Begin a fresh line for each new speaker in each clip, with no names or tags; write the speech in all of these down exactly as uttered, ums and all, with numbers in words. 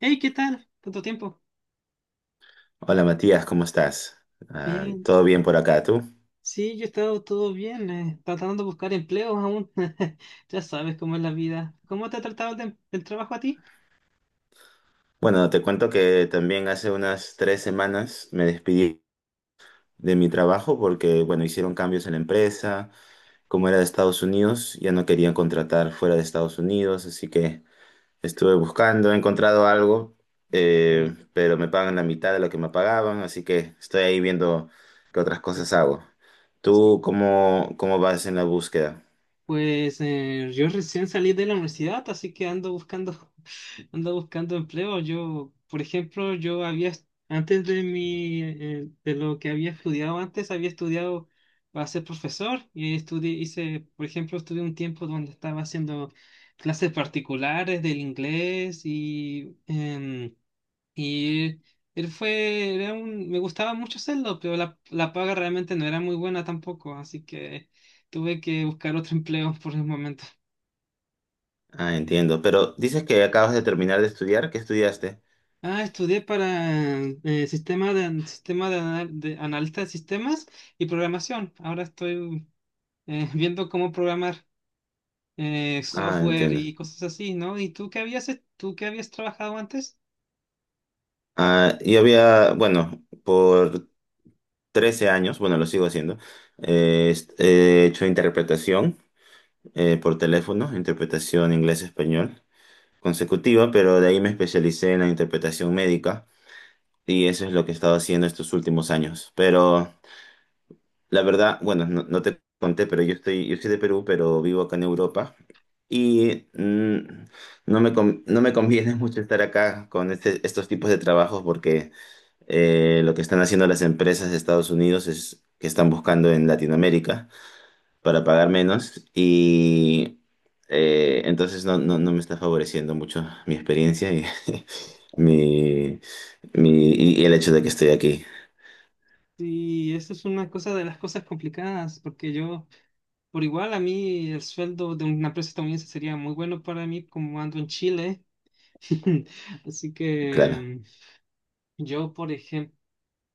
Hey, ¿qué tal? ¿Tanto tiempo?
Hola Matías, ¿cómo estás? Ah,
Bien.
¿todo bien por acá, tú?
Sí, yo he estado todo bien, eh, tratando de buscar empleos aún. Ya sabes cómo es la vida. ¿Cómo te ha tratado el, tem- el trabajo a ti?
Bueno, te cuento que también hace unas tres semanas me despedí de mi trabajo porque, bueno, hicieron cambios en la empresa. Como era de Estados Unidos, ya no querían contratar fuera de Estados Unidos, así que estuve buscando, he encontrado algo,
Ah,
eh, pero me pagan la mitad de lo que me pagaban, así que estoy ahí viendo qué otras
sí.
cosas hago. ¿Tú
Sí.
cómo, cómo vas en la búsqueda?
Pues eh, yo recién salí de la universidad, así que ando buscando, ando buscando empleo. Yo, por ejemplo, yo había, est- antes de mi, eh, de lo que había estudiado antes, había estudiado para ser profesor y estudié, hice, por ejemplo, estudié un tiempo donde estaba haciendo clases particulares del inglés y em, y él fue, era un, me gustaba mucho hacerlo, pero la, la paga realmente no era muy buena tampoco, así que tuve que buscar otro empleo por el momento.
Ah, entiendo. Pero dices que acabas de terminar de estudiar, ¿qué estudiaste?
Ah, estudié para eh, sistema de, sistema de, ana- de analista de sistemas y programación. Ahora estoy eh, viendo cómo programar eh,
Ah,
software
entiendo.
y cosas así, ¿no? ¿Y tú qué habías, ¿tú qué habías trabajado antes?
Ah, yo había, bueno, por trece años, bueno, lo sigo haciendo, eh, est- eh, he hecho interpretación eh, por teléfono, interpretación inglés-español consecutiva, pero de ahí me especialicé en la interpretación médica y eso es lo que he estado haciendo estos últimos años. Pero la verdad, bueno, no, no te conté, pero yo estoy, yo soy de Perú, pero vivo acá en Europa y mm, no me, con- no me conviene mucho estar acá con este- estos tipos de trabajos porque eh, lo que están haciendo las empresas de Estados Unidos es que están buscando en Latinoamérica para pagar menos y eh, entonces no, no, no me está favoreciendo mucho mi experiencia y, mi, mi- y el hecho de que estoy aquí.
Y eso es una cosa de las cosas complicadas, porque yo. Por igual, a mí el sueldo de una empresa estadounidense sería muy bueno para mí, como ando en Chile. Así
Claro.
que yo, por ejemplo,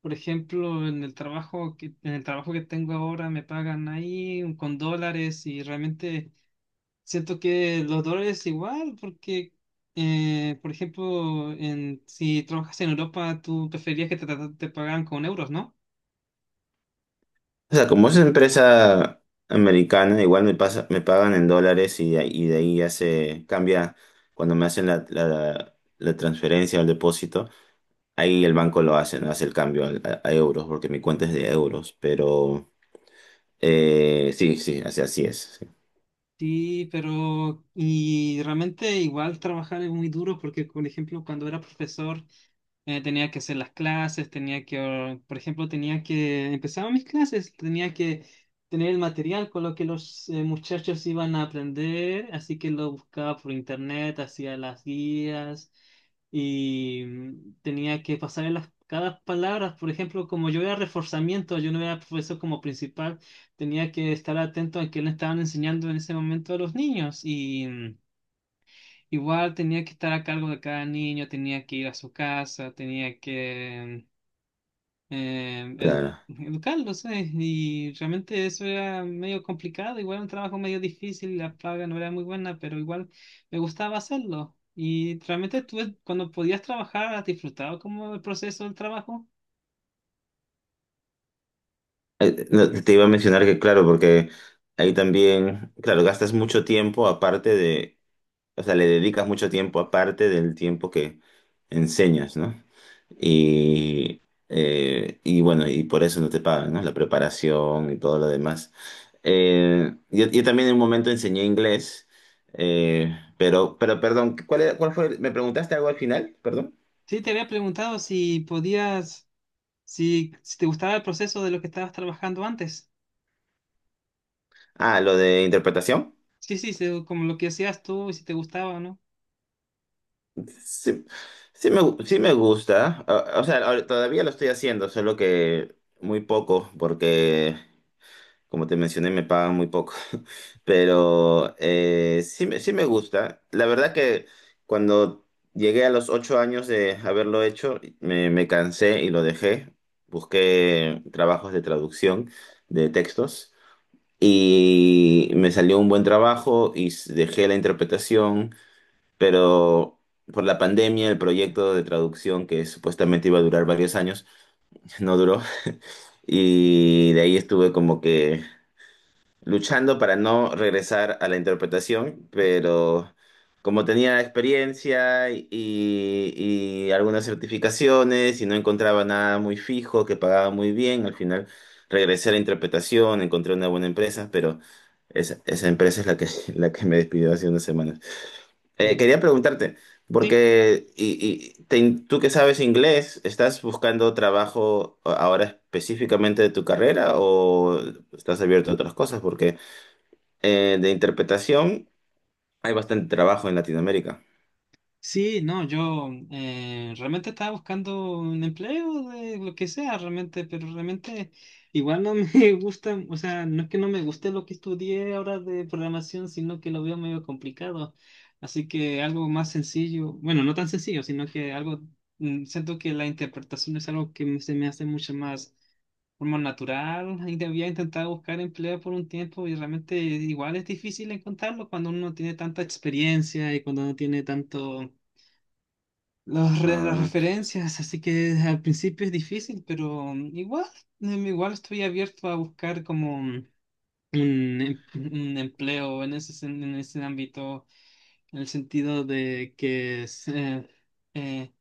por ejemplo, en el trabajo que, en el trabajo que tengo ahora me pagan ahí con dólares y realmente siento que los dólares igual, porque, eh, por ejemplo, en, si trabajas en Europa, tú preferirías que te, te te pagaran con euros, ¿no?
O sea, como es una empresa americana, igual me pasa, me pagan en dólares y, y de ahí ya se cambia cuando me hacen la, la la transferencia o el depósito. Ahí el banco lo hace, ¿no? Hace el cambio al- a, a euros, porque mi cuenta es de euros, pero eh, sí, sí, así, así es, sí,
Sí, pero y realmente igual trabajar es muy duro porque, por ejemplo, cuando era profesor, eh, tenía que hacer las clases, tenía que, or- por ejemplo, tenía que, empezaba mis clases, tenía que tener el material con lo que los eh, muchachos iban a aprender, así que lo buscaba por internet, hacía las guías y mm, tenía que pasar en las, cada palabra, por ejemplo, como yo era reforzamiento, yo no era profesor como principal, tenía que estar atento a qué le estaban enseñando en ese momento a los niños y... mm, igual tenía que estar a cargo de cada niño, tenía que ir a su casa, tenía que eh, edu-
claro.
educarlos, sabes. Y realmente eso era medio complicado, igual un trabajo medio difícil, la paga no era muy buena, pero igual me gustaba hacerlo. Y realmente tú, cuando podías trabajar, ¿has disfrutado como el proceso del trabajo?
Eh, no, te iba a mencionar que, claro, porque ahí también, claro, gastas mucho tiempo aparte de, o sea, le dedicas mucho tiempo aparte del tiempo que enseñas, ¿no? Y, eh, y bueno, y por eso no te pagan, ¿no? La preparación y todo lo demás. Eh, yo, yo también en un momento enseñé inglés, eh, pero, pero perdón, ¿cuál era- ¿cuál fue? ¿Me preguntaste algo al final? Perdón.
Sí, te había preguntado si podías, si, si te gustaba el proceso de lo que estabas trabajando antes.
Ah, lo de interpretación.
Sí, sí, se- como lo que hacías tú y si te gustaba, ¿no?
Sí, sí me, gu- sí me gusta. O, o sea, ahora todavía lo estoy haciendo, solo que muy poco, porque como te mencioné, me pagan muy poco, pero eh, sí, me- sí me gusta. La verdad que cuando llegué a los ocho años de haberlo hecho, me, me cansé y lo dejé. Busqué trabajos de traducción de textos y me salió un buen trabajo y s- dejé la interpretación, pero por la pandemia el proyecto de traducción que supuestamente iba a durar varios años no duró. Y de ahí estuve como que luchando para no regresar a la interpretación, pero como tenía experiencia y, y algunas certificaciones y no encontraba nada muy fijo, que pagaba muy bien, al final regresé a la interpretación, encontré una buena empresa, pero esa, esa empresa es la que, la que me despidió hace unas semanas. Eh,
Mm.
quería preguntarte,
Sí.
porque y, y te- tú que sabes inglés, ¿estás buscando trabajo ahora específicamente de tu carrera o estás abierto a otras cosas? Porque eh, de interpretación, hay bastante trabajo en Latinoamérica.
Sí, no, yo eh, realmente estaba buscando un empleo de lo que sea, realmente, pero realmente igual no me gusta, o sea, no es que no me guste lo que estudié ahora de programación, sino que lo veo medio complicado. Así que algo más sencillo, bueno, no tan sencillo, sino que algo, mm, siento que la interpretación es algo que me- se me hace mucho más forma natural. Y había intentado buscar empleo por un tiempo y realmente igual es difícil encontrarlo cuando uno no tiene tanta experiencia y cuando no tiene tanto las re- las
Ah,
referencias, así que al principio es difícil, pero mm, igual, em, igual estoy abierto a buscar como mm, un, em- un empleo en ese, sen- en ese ámbito, en el sentido de que es, eh, eh,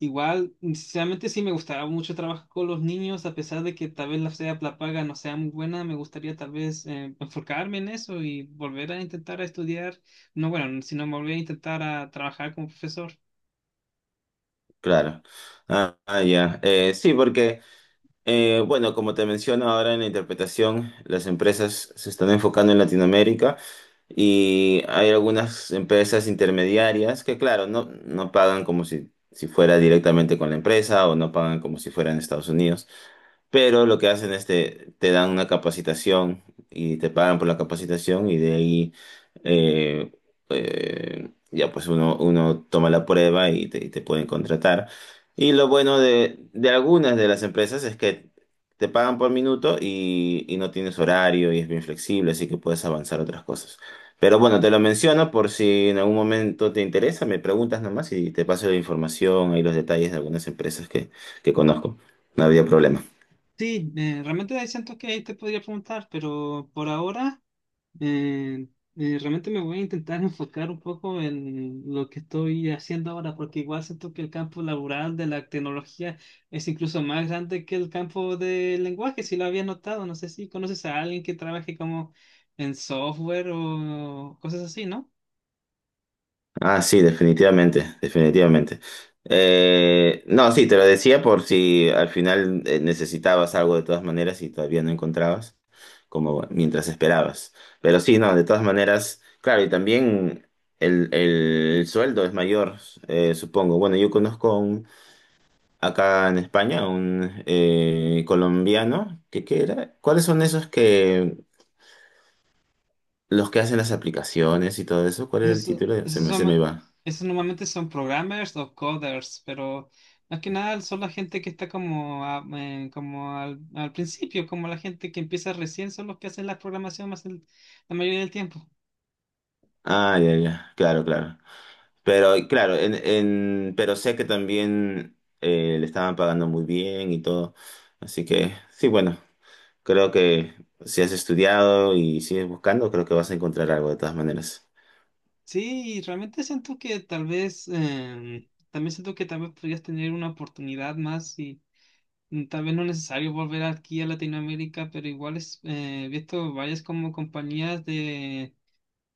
igual, sinceramente sí me gustaba mucho trabajar con los niños, a pesar de que tal vez la, sea, la paga no sea muy buena, me gustaría tal vez eh, enfocarme en eso y volver a intentar a estudiar, no bueno, sino volver a intentar a trabajar como profesor.
claro. Ah, ah, ya. Eh, sí, porque, eh, bueno, como te menciono ahora en la interpretación, las empresas se están enfocando en Latinoamérica y hay algunas empresas intermediarias que, claro, no, no pagan como si, si fuera directamente con la empresa o no pagan como si fuera en Estados Unidos. Pero lo que hacen es te, te dan una capacitación y te pagan por la capacitación y de ahí eh, eh, ya pues uno, uno toma la prueba y te, y te pueden contratar. Y lo bueno de, de algunas de las empresas es que te pagan por minuto y, y no tienes horario y es bien flexible, así que puedes avanzar otras cosas. Pero bueno, te lo menciono por si en algún momento te interesa, me preguntas nomás y te paso la información, y los detalles de algunas empresas que, que conozco. No había problema.
Sí, eh, realmente hay cientos que ahí te podría preguntar, pero por ahora eh, eh, realmente me voy a intentar enfocar un poco en lo que estoy haciendo ahora, porque igual siento que el campo laboral de la tecnología es incluso más grande que el campo del lenguaje, si lo habías notado. No sé si conoces a alguien que trabaje como en software o cosas así, ¿no?
Ah, sí, definitivamente, definitivamente. Eh, no, sí, te lo decía por si al final eh, necesitabas algo de todas maneras y todavía no encontrabas, como mientras esperabas. Pero sí, no, de todas maneras, claro, y también el, el sueldo es mayor, eh, supongo. Bueno, yo conozco a un- acá en España un eh, colombiano, que ¿qué era? ¿Cuáles son esos que, los que hacen las aplicaciones y todo eso? ¿Cuál era el
Esos,
título? Se
esos
me, se me
son,
va.
esos normalmente son programmers o coders, pero más que nada son la gente que está como, a- eh, como al, al principio, como la gente que empieza recién, son los que hacen la programación más el- la mayoría del tiempo.
Ah, ya, ya, claro, claro. Pero claro, en, en- pero sé que también eh, le estaban pagando muy bien y todo. Así que sí, bueno, creo que si has estudiado y sigues buscando, creo que vas a encontrar algo de todas maneras.
Sí, y realmente siento que tal vez, eh, también siento que tal vez podrías tener una oportunidad más y mm, tal vez no es necesario volver aquí a Latinoamérica, pero igual es, eh, he visto varias como compañías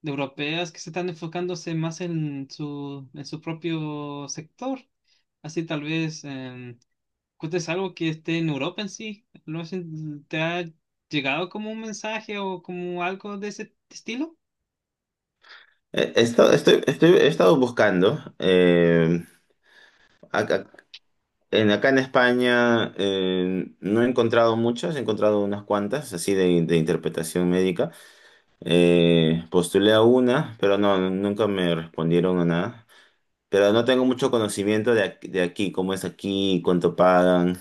de europeas que se están enfocándose más en su, en su propio sector. Así tal vez eh, cuentes algo que esté en Europa en sí. ¿Lo has- ¿Te ha llegado como un mensaje o como algo de ese estilo?
Eh, He estado, estoy, estoy- he estado buscando. eh, acá, en, acá en España eh, no he encontrado muchas, he encontrado unas cuantas, así de, de interpretación médica. Eh, postulé a una, pero no, nunca me respondieron a nada. Pero no tengo mucho conocimiento de, ac- de aquí, cómo es aquí, cuánto pagan.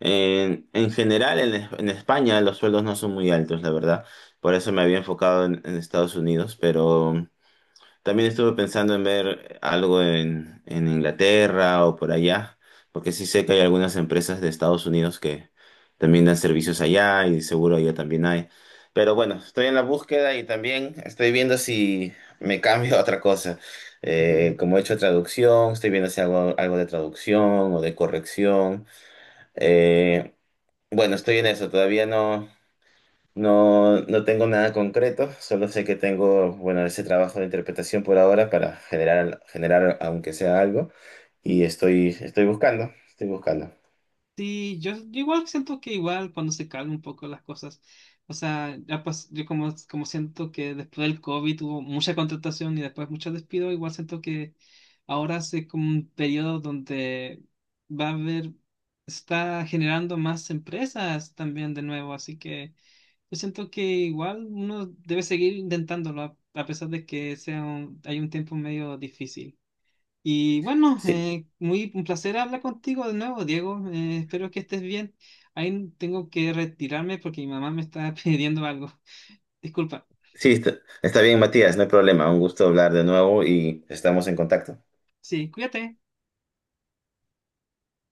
En, en general, en, Es- en España los sueldos no son muy altos, la verdad. Por eso me había enfocado en, en Estados Unidos, pero también estuve pensando en ver algo en, en Inglaterra o por allá, porque sí sé que hay algunas empresas de Estados Unidos que también dan servicios allá y seguro allá también hay. Pero bueno, estoy en la búsqueda y también estoy viendo si me cambio a otra cosa. Eh, como he hecho traducción, estoy viendo si hago algo de traducción o de corrección. Eh, bueno, estoy en eso, todavía no. No, no tengo nada concreto, solo sé que tengo, bueno, ese trabajo de interpretación por ahora para generar, generar aunque sea algo, y estoy, estoy buscando, estoy buscando.
Sí, yo, yo igual siento que igual cuando se calmen un poco las cosas, o sea, ya pas- yo como, como siento que después del COVID hubo mucha contratación y después mucho despido, igual siento que ahora es como un periodo donde va a haber, está generando más empresas también de nuevo, así que yo siento que igual uno debe seguir intentándolo a, a pesar de que sea un- hay un tiempo medio difícil. Y bueno,
Sí,
eh, muy un placer hablar contigo de nuevo, Diego. Eh, espero que estés bien. Ahí tengo que retirarme porque mi mamá me está pidiendo algo. Disculpa.
sí, está, está bien, Matías, no hay problema, un gusto hablar de nuevo y estamos en contacto.
Sí, cuídate.